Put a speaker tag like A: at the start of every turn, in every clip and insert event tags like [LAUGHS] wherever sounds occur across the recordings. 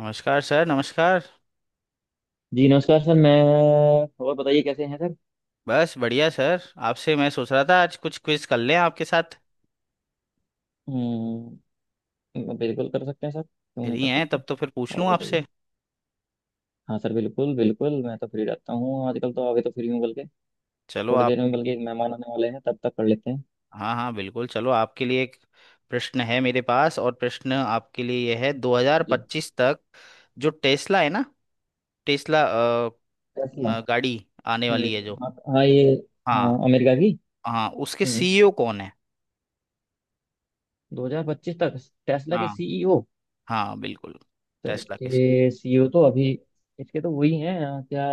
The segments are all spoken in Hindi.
A: नमस्कार सर, नमस्कार।
B: जी नमस्कार सर। मैं और बताइए कैसे हैं सर।
A: बस बढ़िया सर। आपसे मैं सोच रहा था आज कुछ क्विज कर लें आपके साथ।
B: हम्म। बिल्कुल कर सकते हैं सर, क्यों नहीं
A: फ्री
B: कर
A: हैं
B: सकते।
A: तब तो फिर पूछ
B: और
A: लूँ
B: बताइए।
A: आपसे।
B: हाँ सर बिल्कुल बिल्कुल, मैं तो फ्री रहता हूँ आजकल, तो अभी तो फ्री हूँ बल्कि।
A: चलो
B: थोड़ी देर में
A: आपके
B: बल्कि
A: लिए।
B: एक मेहमान आने वाले हैं, तब तक कर लेते हैं।
A: हाँ हाँ बिल्कुल, चलो आपके लिए एक प्रश्न है मेरे पास। और प्रश्न आपके लिए यह है,
B: जी।
A: 2025 तक जो टेस्ला है ना, टेस्ला
B: टेस्ला।
A: गाड़ी आने
B: हम्म,
A: वाली है जो।
B: हाँ हाँ, ये। हाँ
A: हाँ।
B: अमेरिका की।
A: हाँ उसके
B: हम्म।
A: सीईओ कौन है?
B: 2025 तक टेस्ला के
A: हाँ।
B: सीईओ।
A: हाँ बिल्कुल,
B: सर
A: टेस्ला के सीईओ।
B: इसके सीईओ तो अभी, इसके तो वही हैं, क्या,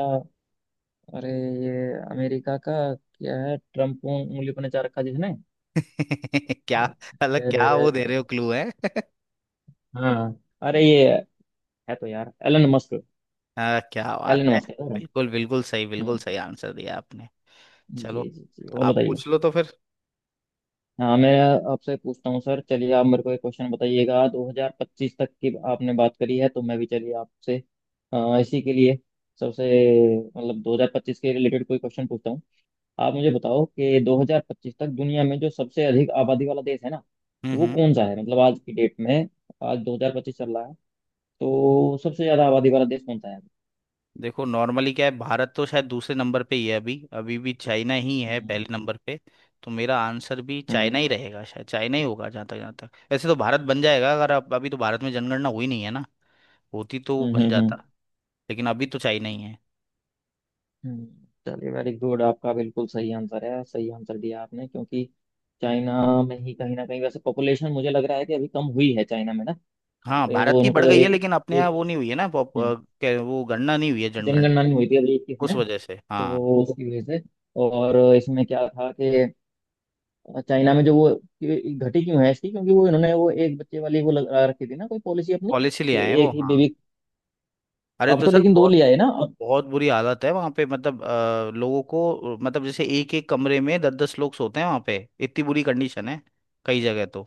B: अरे ये अमेरिका का क्या है, ट्रम्प उंगली पर नचा रखा जिसने।
A: [LAUGHS] क्या? अलग
B: अरे रे
A: क्या
B: रे,
A: वो दे रहे हो, क्लू है?
B: हाँ अरे ये, है तो यार एलन मस्क।
A: क्या
B: एलन
A: बात है!
B: मस्क है सर।
A: बिल्कुल बिल्कुल सही, बिल्कुल
B: हम्म।
A: सही आंसर दिया आपने।
B: जी
A: चलो
B: जी जी, और
A: आप
B: बताइए।
A: पूछ लो तो फिर।
B: हाँ मैं आपसे पूछता हूँ सर, चलिए आप मेरे को एक क्वेश्चन बताइएगा। 2025 तक की आपने बात करी है, तो मैं भी चलिए आपसे इसी के लिए सबसे, मतलब 2025 के रिलेटेड कोई क्वेश्चन पूछता हूँ। आप मुझे बताओ कि 2025 तक दुनिया में जो सबसे अधिक आबादी वाला देश है ना, वो
A: हम्म।
B: कौन सा है, मतलब आज की डेट में। आज 2025 चल रहा है, तो सबसे ज्यादा आबादी वाला देश कौन सा है।
A: देखो नॉर्मली क्या है, भारत तो शायद दूसरे नंबर पे ही है अभी अभी भी चाइना ही है
B: हम्म
A: पहले नंबर पे। तो मेरा आंसर भी चाइना
B: हम्म
A: ही रहेगा, शायद चाइना ही होगा जहाँ तक। वैसे तो भारत बन जाएगा अगर, अब अभी तो भारत में जनगणना हुई नहीं है ना, होती तो वो
B: हम्म
A: बन
B: हम्म, हम्म,
A: जाता। लेकिन अभी तो चाइना ही है।
B: हम्म। चलिए वेरी गुड, आपका बिल्कुल सही आंसर है, सही आंसर दिया आपने, क्योंकि चाइना में ही कहीं ना कहीं वैसे पॉपुलेशन मुझे लग रहा है कि अभी कम हुई है चाइना में ना।
A: हाँ भारत
B: वो
A: की बढ़
B: उनको
A: गई है,
B: एक
A: लेकिन अपने यहाँ
B: एक
A: वो नहीं हुई है ना
B: हम्म,
A: वो गणना नहीं हुई है, जनगणना।
B: जनगणना नहीं हुई थी अभी इक्कीस
A: उस
B: में।
A: वजह से, हाँ।
B: तो उसकी वजह से और इसमें क्या था कि चाइना में जो वो कि घटी क्यों है इसकी, क्योंकि वो इन्होंने वो एक बच्चे वाली वो लगा रखी थी ना कोई पॉलिसी अपनी,
A: पॉलिसी ले
B: कि
A: आए हैं वो,
B: एक ही
A: हाँ।
B: बेबी।
A: अरे
B: अब
A: तो
B: तो
A: सर
B: लेकिन दो
A: बहुत
B: ले आए ना।
A: बहुत बुरी हालत है वहां पे, मतलब लोगों को, मतलब जैसे एक एक कमरे में दस दस लोग सोते हैं वहां पे, इतनी बुरी कंडीशन है कई जगह तो।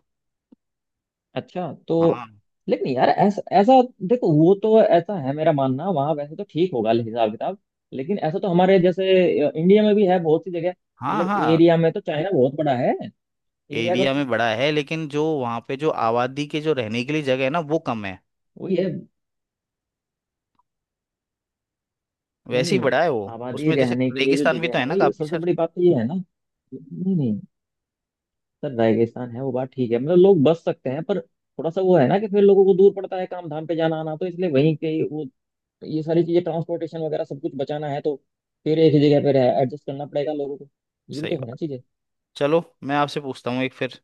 B: अच्छा तो।
A: हाँ
B: लेकिन यार ऐसा ऐसा देखो, वो तो ऐसा है मेरा मानना, वहाँ वैसे तो ठीक होगा हिसाब किताब, लेकिन ऐसा तो हमारे जैसे इंडिया में भी है बहुत सी जगह,
A: हाँ।
B: मतलब
A: हाँ
B: एरिया में तो चाइना बहुत बड़ा है। एरिया का
A: एरिया में बड़ा है, लेकिन जो वहां पे जो आबादी के जो रहने के लिए जगह है ना, वो कम है।
B: वही है।
A: वैसे ही
B: नहीं,
A: बड़ा है वो।
B: आबादी
A: उसमें जैसे
B: रहने के लिए जो
A: रेगिस्तान भी तो
B: जगह
A: है
B: है
A: ना
B: भाई,
A: काफी,
B: सबसे
A: सर।
B: बड़ी बात तो ये है ना। नहीं नहीं, सर रेगिस्तान है वो बात ठीक है, मतलब लोग बस सकते हैं, पर थोड़ा सा वो है ना, कि फिर लोगों को दूर पड़ता है काम धाम पे जाना आना, तो इसलिए वहीं के ही वो। ये सारी चीजें ट्रांसपोर्टेशन वगैरह सब कुछ बचाना है, तो फिर एक ही जगह पे रह एडजस्ट करना पड़ेगा लोगों को। ये भी
A: सही
B: तो होना
A: बात।
B: चाहिए।
A: चलो मैं आपसे पूछता हूँ एक फिर,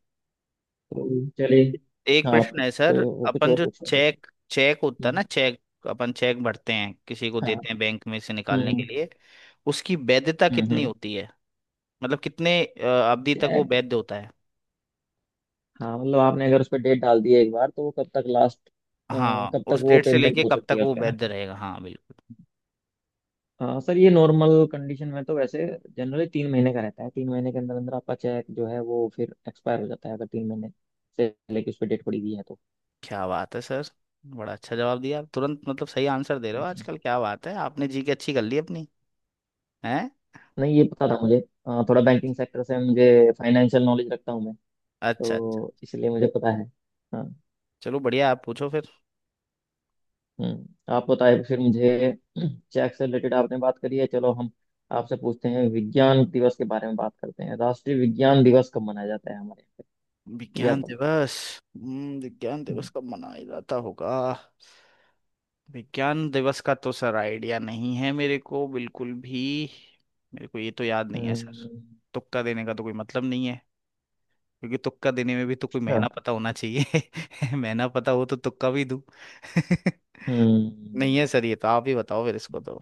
B: तो चलिए।
A: एक
B: हाँ आप
A: प्रश्न
B: कुछ
A: है
B: कोई
A: सर।
B: कुछ
A: अपन
B: और
A: जो
B: पूछ रहे थे।
A: चेक, चेक होता है ना,
B: हम्म,
A: चेक, अपन चेक भरते हैं, किसी को
B: हाँ
A: देते हैं बैंक में से निकालने के
B: हम्म
A: लिए, उसकी वैधता
B: हम्म
A: कितनी
B: हम्म,
A: होती है? मतलब कितने अवधि तक वो
B: check।
A: वैध होता है?
B: हाँ मतलब आपने अगर उस पर डेट डाल दी है एक बार, तो वो कब तक लास्ट,
A: हाँ
B: कब तक
A: उस
B: वो
A: डेट से
B: पेमेंट
A: लेके
B: हो
A: कब
B: सकती
A: तक
B: है उस
A: वो
B: पर ना।
A: वैध रहेगा, हाँ बिल्कुल।
B: हाँ सर, ये नॉर्मल कंडीशन में तो वैसे जनरली तीन महीने का रहता है। तीन महीने के अंदर अंदर आपका चेक जो है वो फिर एक्सपायर हो जाता है, अगर तीन महीने से लेके उस पर डेट पड़ी हुई है तो।
A: क्या बात है सर! बड़ा अच्छा जवाब दिया आप तुरंत, मतलब सही आंसर दे रहे हो
B: जी।
A: आजकल, क्या बात है, आपने जी की अच्छी कर ली अपनी है।
B: नहीं ये पता था मुझे। थोड़ा बैंकिंग सेक्टर से मुझे, फाइनेंशियल नॉलेज रखता हूँ मैं,
A: अच्छा अच्छा।
B: तो इसलिए मुझे पता है। हाँ।
A: चलो बढ़िया, आप पूछो फिर।
B: हम्म। आप बताए फिर मुझे, चेक से रिलेटेड आपने बात करी है, चलो हम आपसे पूछते हैं विज्ञान दिवस के बारे में। बात करते हैं, राष्ट्रीय विज्ञान दिवस कब मनाया जाता है हमारे यहाँ पे, यह
A: विज्ञान
B: पता।
A: दिवस? विज्ञान
B: हम्म
A: दिवस कब मनाया जाता होगा? विज्ञान दिवस का तो सर आइडिया नहीं है मेरे को बिल्कुल भी, मेरे को ये तो याद नहीं है सर।
B: हम्म,
A: तुक्का देने का तो कोई मतलब नहीं है, क्योंकि तुक्का देने में भी तो कोई महीना
B: अच्छा,
A: पता होना चाहिए। [LAUGHS] महीना पता हो तो तुक्का भी दूं। [LAUGHS] नहीं
B: हम्म,
A: है सर, ये तो आप ही बताओ फिर इसको तो।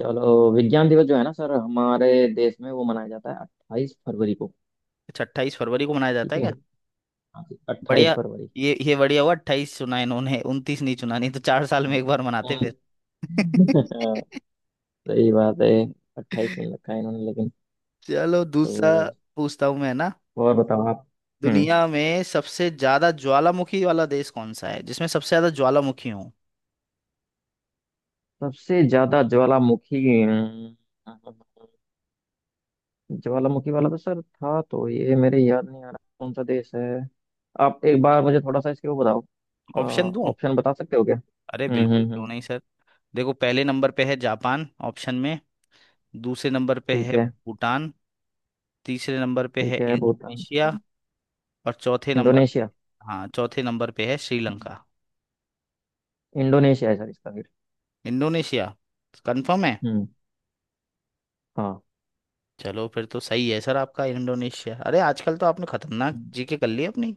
B: चलो विज्ञान दिवस जो है ना सर, हमारे देश में वो मनाया जाता है अट्ठाईस फरवरी को।
A: अच्छा, 28 फरवरी को मनाया जाता
B: ठीक
A: है
B: है।
A: क्या?
B: हाँ, अट्ठाईस
A: बढ़िया।
B: फरवरी।
A: ये बढ़िया हुआ 28 चुना इन्होंने, 29 नहीं चुना, नहीं तो 4 साल में
B: हाँ।
A: एक बार मनाते
B: उन-
A: फिर।
B: [LAUGHS]
A: [LAUGHS]
B: सही बात है। अट्ठाईस में रखा है इन्होंने लेकिन।
A: चलो
B: तो
A: दूसरा पूछता हूँ मैं ना।
B: और बताओ आप। हम्म।
A: दुनिया में सबसे ज्यादा ज्वालामुखी वाला देश कौन सा है, जिसमें सबसे ज्यादा ज्वालामुखी हो?
B: सबसे ज्यादा ज्वालामुखी। ज्वालामुखी वाला तो सर था, तो ये मेरे याद नहीं आ रहा कौन सा देश है, आप एक बार मुझे थोड़ा सा इसके वो बताओ।
A: ऑप्शन दूं?
B: ऑप्शन बता सकते हो क्या।
A: अरे बिल्कुल क्यों
B: हम्म।
A: नहीं सर। देखो पहले नंबर पे है जापान, ऑप्शन में। दूसरे नंबर पे
B: ठीक
A: है
B: है।
A: भूटान। तीसरे नंबर पे है
B: ठीक है भूटान।
A: इंडोनेशिया। और चौथे नंबर पे,
B: इंडोनेशिया।
A: हाँ चौथे नंबर पे है श्रीलंका।
B: इंडोनेशिया है सर इसका फिर।
A: इंडोनेशिया कंफर्म है?
B: हम्म। हाँ।
A: चलो फिर तो सही है सर आपका, इंडोनेशिया। अरे आजकल तो आपने खतरनाक जीके कर ली अपनी।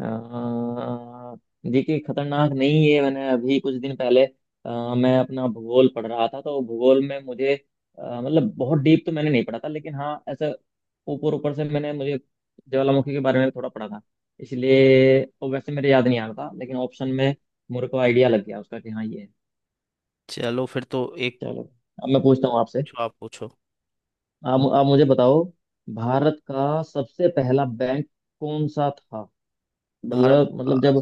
B: अ, देखिए खतरनाक नहीं है, मैंने अभी कुछ दिन पहले मैं अपना भूगोल पढ़ रहा था, तो भूगोल में मुझे मतलब बहुत डीप तो मैंने नहीं पढ़ा था, लेकिन हाँ ऐसा ऊपर ऊपर से मैंने मुझे ज्वालामुखी के बारे में थोड़ा पढ़ा था, इसलिए वो वैसे मेरे याद नहीं आ रहा था, लेकिन ऑप्शन में मेरे को आइडिया लग गया उसका कि हाँ ये है।
A: चलो फिर तो एक,
B: चलो, अब मैं पूछता हूँ आपसे,
A: पूछो आप पूछो।
B: आप मुझे बताओ, भारत का सबसे पहला बैंक कौन सा था,
A: भारत,
B: मतलब जब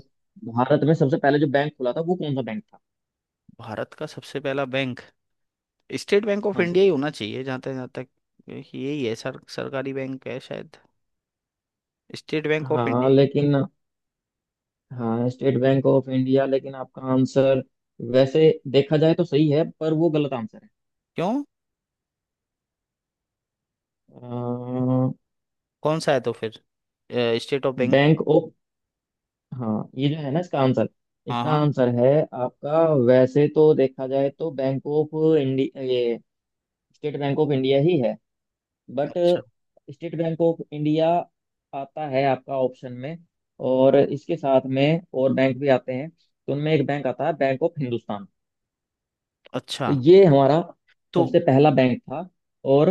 B: भारत में सबसे पहले जो बैंक खुला था वो कौन सा बैंक था।
A: भारत का सबसे पहला बैंक स्टेट बैंक ऑफ
B: हाँ जी।
A: इंडिया ही होना चाहिए, जहाँ तक यही है सर, सरकारी बैंक है शायद। स्टेट बैंक ऑफ
B: हाँ लेकिन, हाँ स्टेट बैंक ऑफ इंडिया, लेकिन आपका आंसर वैसे देखा जाए तो सही है पर वो गलत आंसर है।
A: क्यों? कौन सा है तो फिर? State of bank.
B: Bank of, हाँ ये जो है ना इसका आंसर,
A: हाँ
B: इसका
A: हाँ।
B: आंसर है, आपका वैसे तो देखा जाए तो बैंक ऑफ इंडिया, ये स्टेट बैंक ऑफ इंडिया ही है। बट
A: अच्छा
B: स्टेट बैंक ऑफ इंडिया आता है आपका ऑप्शन में, और इसके साथ में और बैंक भी आते हैं, तो उनमें एक बैंक आता है बैंक ऑफ हिंदुस्तान,
A: अच्छा।
B: तो ये हमारा
A: तो
B: सबसे पहला बैंक था। और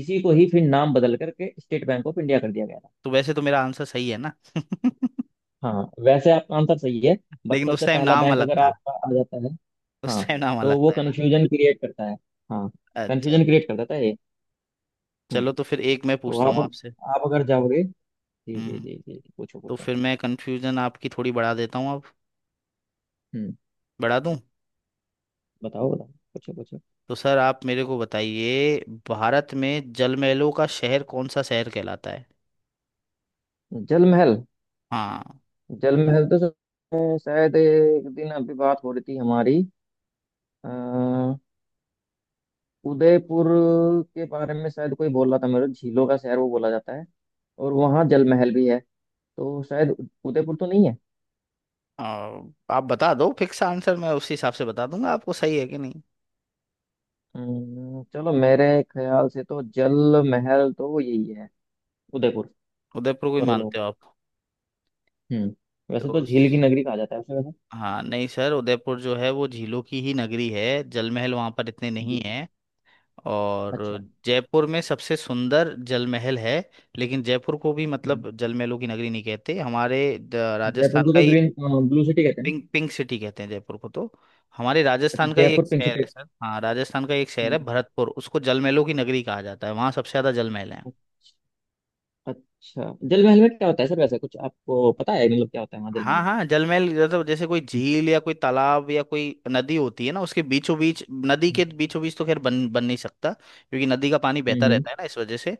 B: इसी को ही फिर नाम बदल करके स्टेट बैंक ऑफ इंडिया कर दिया गया था।
A: तो वैसे तो मेरा आंसर सही है ना। [LAUGHS]
B: हाँ वैसे आपका आंसर सही है, बट
A: लेकिन उस
B: सबसे
A: टाइम
B: पहला
A: नाम
B: बैंक
A: अलग
B: अगर
A: था,
B: आपका आ जाता है।
A: उस
B: हाँ,
A: टाइम नाम अलग
B: तो वो
A: था, है ना?
B: कन्फ्यूजन क्रिएट करता है। हाँ,
A: अच्छा।
B: कन्फ्यूजन क्रिएट कर देता है ये। हम्म,
A: चलो तो फिर एक मैं
B: तो
A: पूछता
B: आप
A: हूँ आपसे।
B: आप अगर जाओगे। जी
A: हम्म
B: जी
A: हम्म।
B: जी जी जी, पूछो
A: तो
B: पूछो।
A: फिर मैं कंफ्यूजन आपकी थोड़ी बढ़ा देता हूँ अब,
B: हम्म।
A: बढ़ा दूँ?
B: बताओ बताओ, पूछो पूछो।
A: तो सर आप मेरे को बताइए, भारत में जलमहलों का शहर कौन सा शहर कहलाता है?
B: जल महल।
A: हाँ।
B: जल महल तो सर, शायद एक दिन अभी बात हो रही थी हमारी अ, उदयपुर के बारे में, शायद कोई बोल रहा था मेरे को, झीलों का शहर वो बोला जाता है, और वहाँ जल महल भी है, तो शायद उदयपुर तो नहीं है।
A: अ, आप बता दो फिक्स आंसर, मैं उसी हिसाब से बता दूंगा आपको सही है कि नहीं।
B: चलो मेरे ख्याल से तो जल महल तो वो यही है, उदयपुर
A: उदयपुर को ही
B: करो
A: मानते
B: लोग।
A: हो आप?
B: हम्म। वैसे
A: तो
B: तो झील की नगरी कहा जाता है उसे वैसे।
A: हाँ नहीं सर, उदयपुर जो है वो झीलों की ही नगरी है, जल महल वहाँ पर इतने
B: जी।
A: नहीं है, और
B: अच्छा।
A: जयपुर में सबसे सुंदर जल महल है। लेकिन जयपुर को भी
B: हम्म।
A: मतलब जल महलों की नगरी नहीं कहते, हमारे
B: जयपुर
A: राजस्थान
B: को
A: का
B: तो
A: ही,
B: ग्रीन, ब्लू सिटी कहते हैं ना।
A: पिंक पिंक सिटी कहते हैं जयपुर को तो। हमारे
B: अच्छा
A: राजस्थान का ही
B: जयपुर
A: एक
B: पिंक
A: शहर है
B: सिटी।
A: सर, हाँ राजस्थान का एक शहर है
B: हम्म।
A: भरतपुर, उसको जल महलों की नगरी कहा जाता है, वहाँ सबसे ज्यादा जल महल है।
B: अच्छा जल महल में क्या होता है सर, वैसे कुछ आपको पता है, मतलब क्या होता है वहाँ जल महल
A: हाँ
B: में।
A: हाँ, जलमहल मतलब जैसे कोई झील या कोई तालाब या कोई नदी होती है ना, उसके बीचों बीच, नदी
B: हम्म
A: के बीचों बीच तो खैर बन बन नहीं सकता क्योंकि नदी का पानी बहता
B: हम्म हम्म,
A: रहता है ना, इस वजह से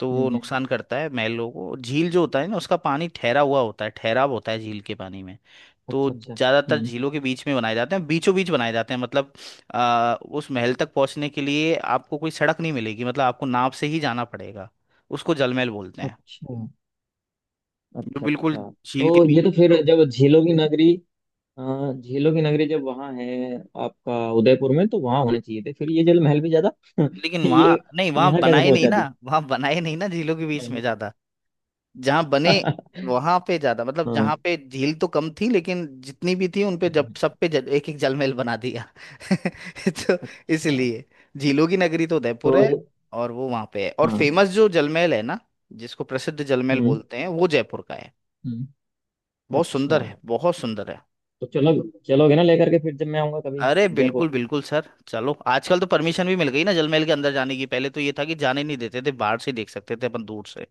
A: तो
B: हम्म,
A: वो
B: हम्म, हम्म।
A: नुकसान करता है महलों को। झील जो होता है ना, उसका पानी ठहरा हुआ होता है, ठहराव होता है झील के पानी में, तो
B: अच्छा अच्छा
A: ज्यादातर
B: हम्म।
A: झीलों के बीच में बनाए जाते हैं, बीचों बीच बनाए जाते हैं। मतलब उस महल तक पहुंचने के लिए आपको कोई सड़क नहीं मिलेगी, मतलब आपको नाव से ही जाना पड़ेगा, उसको जलमहल बोलते हैं,
B: अच्छा
A: जो
B: अच्छा।
A: बिल्कुल
B: अच्छा
A: झील के
B: तो ये
A: बीचों
B: तो
A: बीच
B: फिर
A: हो।
B: जब झीलों की नगरी, झीलों की नगरी जब वहाँ है आपका उदयपुर में, तो वहाँ होने चाहिए थे फिर ये जल महल भी ज्यादा। [LAUGHS]
A: लेकिन वहां
B: ये,
A: नहीं, वहां
B: यहाँ कैसे
A: बनाए नहीं
B: पहुंचा
A: ना,
B: दिया।
A: वहां बनाए नहीं ना झीलों के बीच में
B: हम्म।
A: ज्यादा, जहां बने
B: [LAUGHS]
A: वहां पे ज्यादा। मतलब
B: हाँ।
A: जहां पे झील तो कम थी, लेकिन जितनी भी थी उन पे, जब
B: हम्म,
A: सब पे जल, एक एक जलमहल बना दिया। [LAUGHS] तो
B: अच्छा।
A: इसलिए झीलों की नगरी तो
B: तो
A: उदयपुर है,
B: ये।
A: और वो वहां पे है, और
B: हाँ।
A: फेमस जो जलमहल है ना, जिसको प्रसिद्ध जलमहल
B: हम्म।
A: बोलते हैं वो जयपुर का है,
B: हम्म।
A: बहुत
B: अच्छा।
A: सुंदर है बहुत सुंदर है।
B: तो चलो, चलोगे ना लेकर के फिर जब मैं आऊंगा कभी।
A: अरे बिल्कुल
B: जयपुर,
A: बिल्कुल सर, चलो आजकल तो परमिशन भी मिल गई ना जलमहल के अंदर जाने की, पहले तो ये था कि जाने नहीं देते थे, बाहर से देख सकते थे अपन दूर से।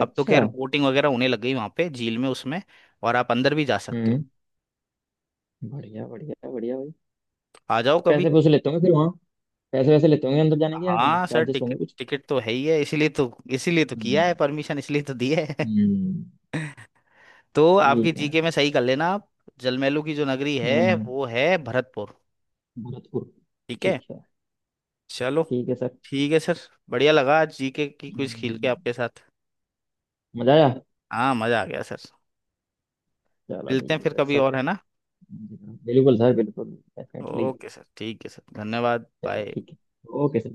A: अब तो खैर बोटिंग वगैरह होने लग गई वहां पे झील में उसमें, और आप अंदर भी जा सकते हो।
B: हम्म। बढ़िया बढ़िया बढ़िया भाई।
A: आ जाओ
B: तो
A: कभी।
B: पैसे वैसे लेते होंगे फिर वहाँ, पैसे वैसे लेते होंगे अंदर जाने के या नहीं,
A: हाँ सर,
B: चार्जेस होंगे
A: टिकट
B: कुछ।
A: टिकट तो है ही है, इसीलिए तो किया
B: हम्म।
A: है, परमिशन इसलिए तो दी है। [LAUGHS]
B: हम्म,
A: तो
B: ये
A: आपकी
B: है।
A: जीके में सही कर लेना आप, जलमैलू की जो नगरी है
B: हम्म।
A: वो है भरतपुर।
B: भरतपुर।
A: ठीक है।
B: ठीक है।
A: चलो
B: ठीक है सर।
A: ठीक है सर। बढ़िया लगा आज जीके की कुछ खेल के
B: हम्म,
A: आपके साथ।
B: मजा आया।
A: हाँ मजा आ गया सर।
B: चलो
A: मिलते हैं
B: ठीक है
A: फिर
B: फिर
A: कभी
B: सर।
A: और, है ना?
B: बिल्कुल सर बिल्कुल। डेफिनेटली।
A: ओके सर, ठीक है सर, धन्यवाद,
B: चलो
A: बाय।
B: ठीक है। Okay sir.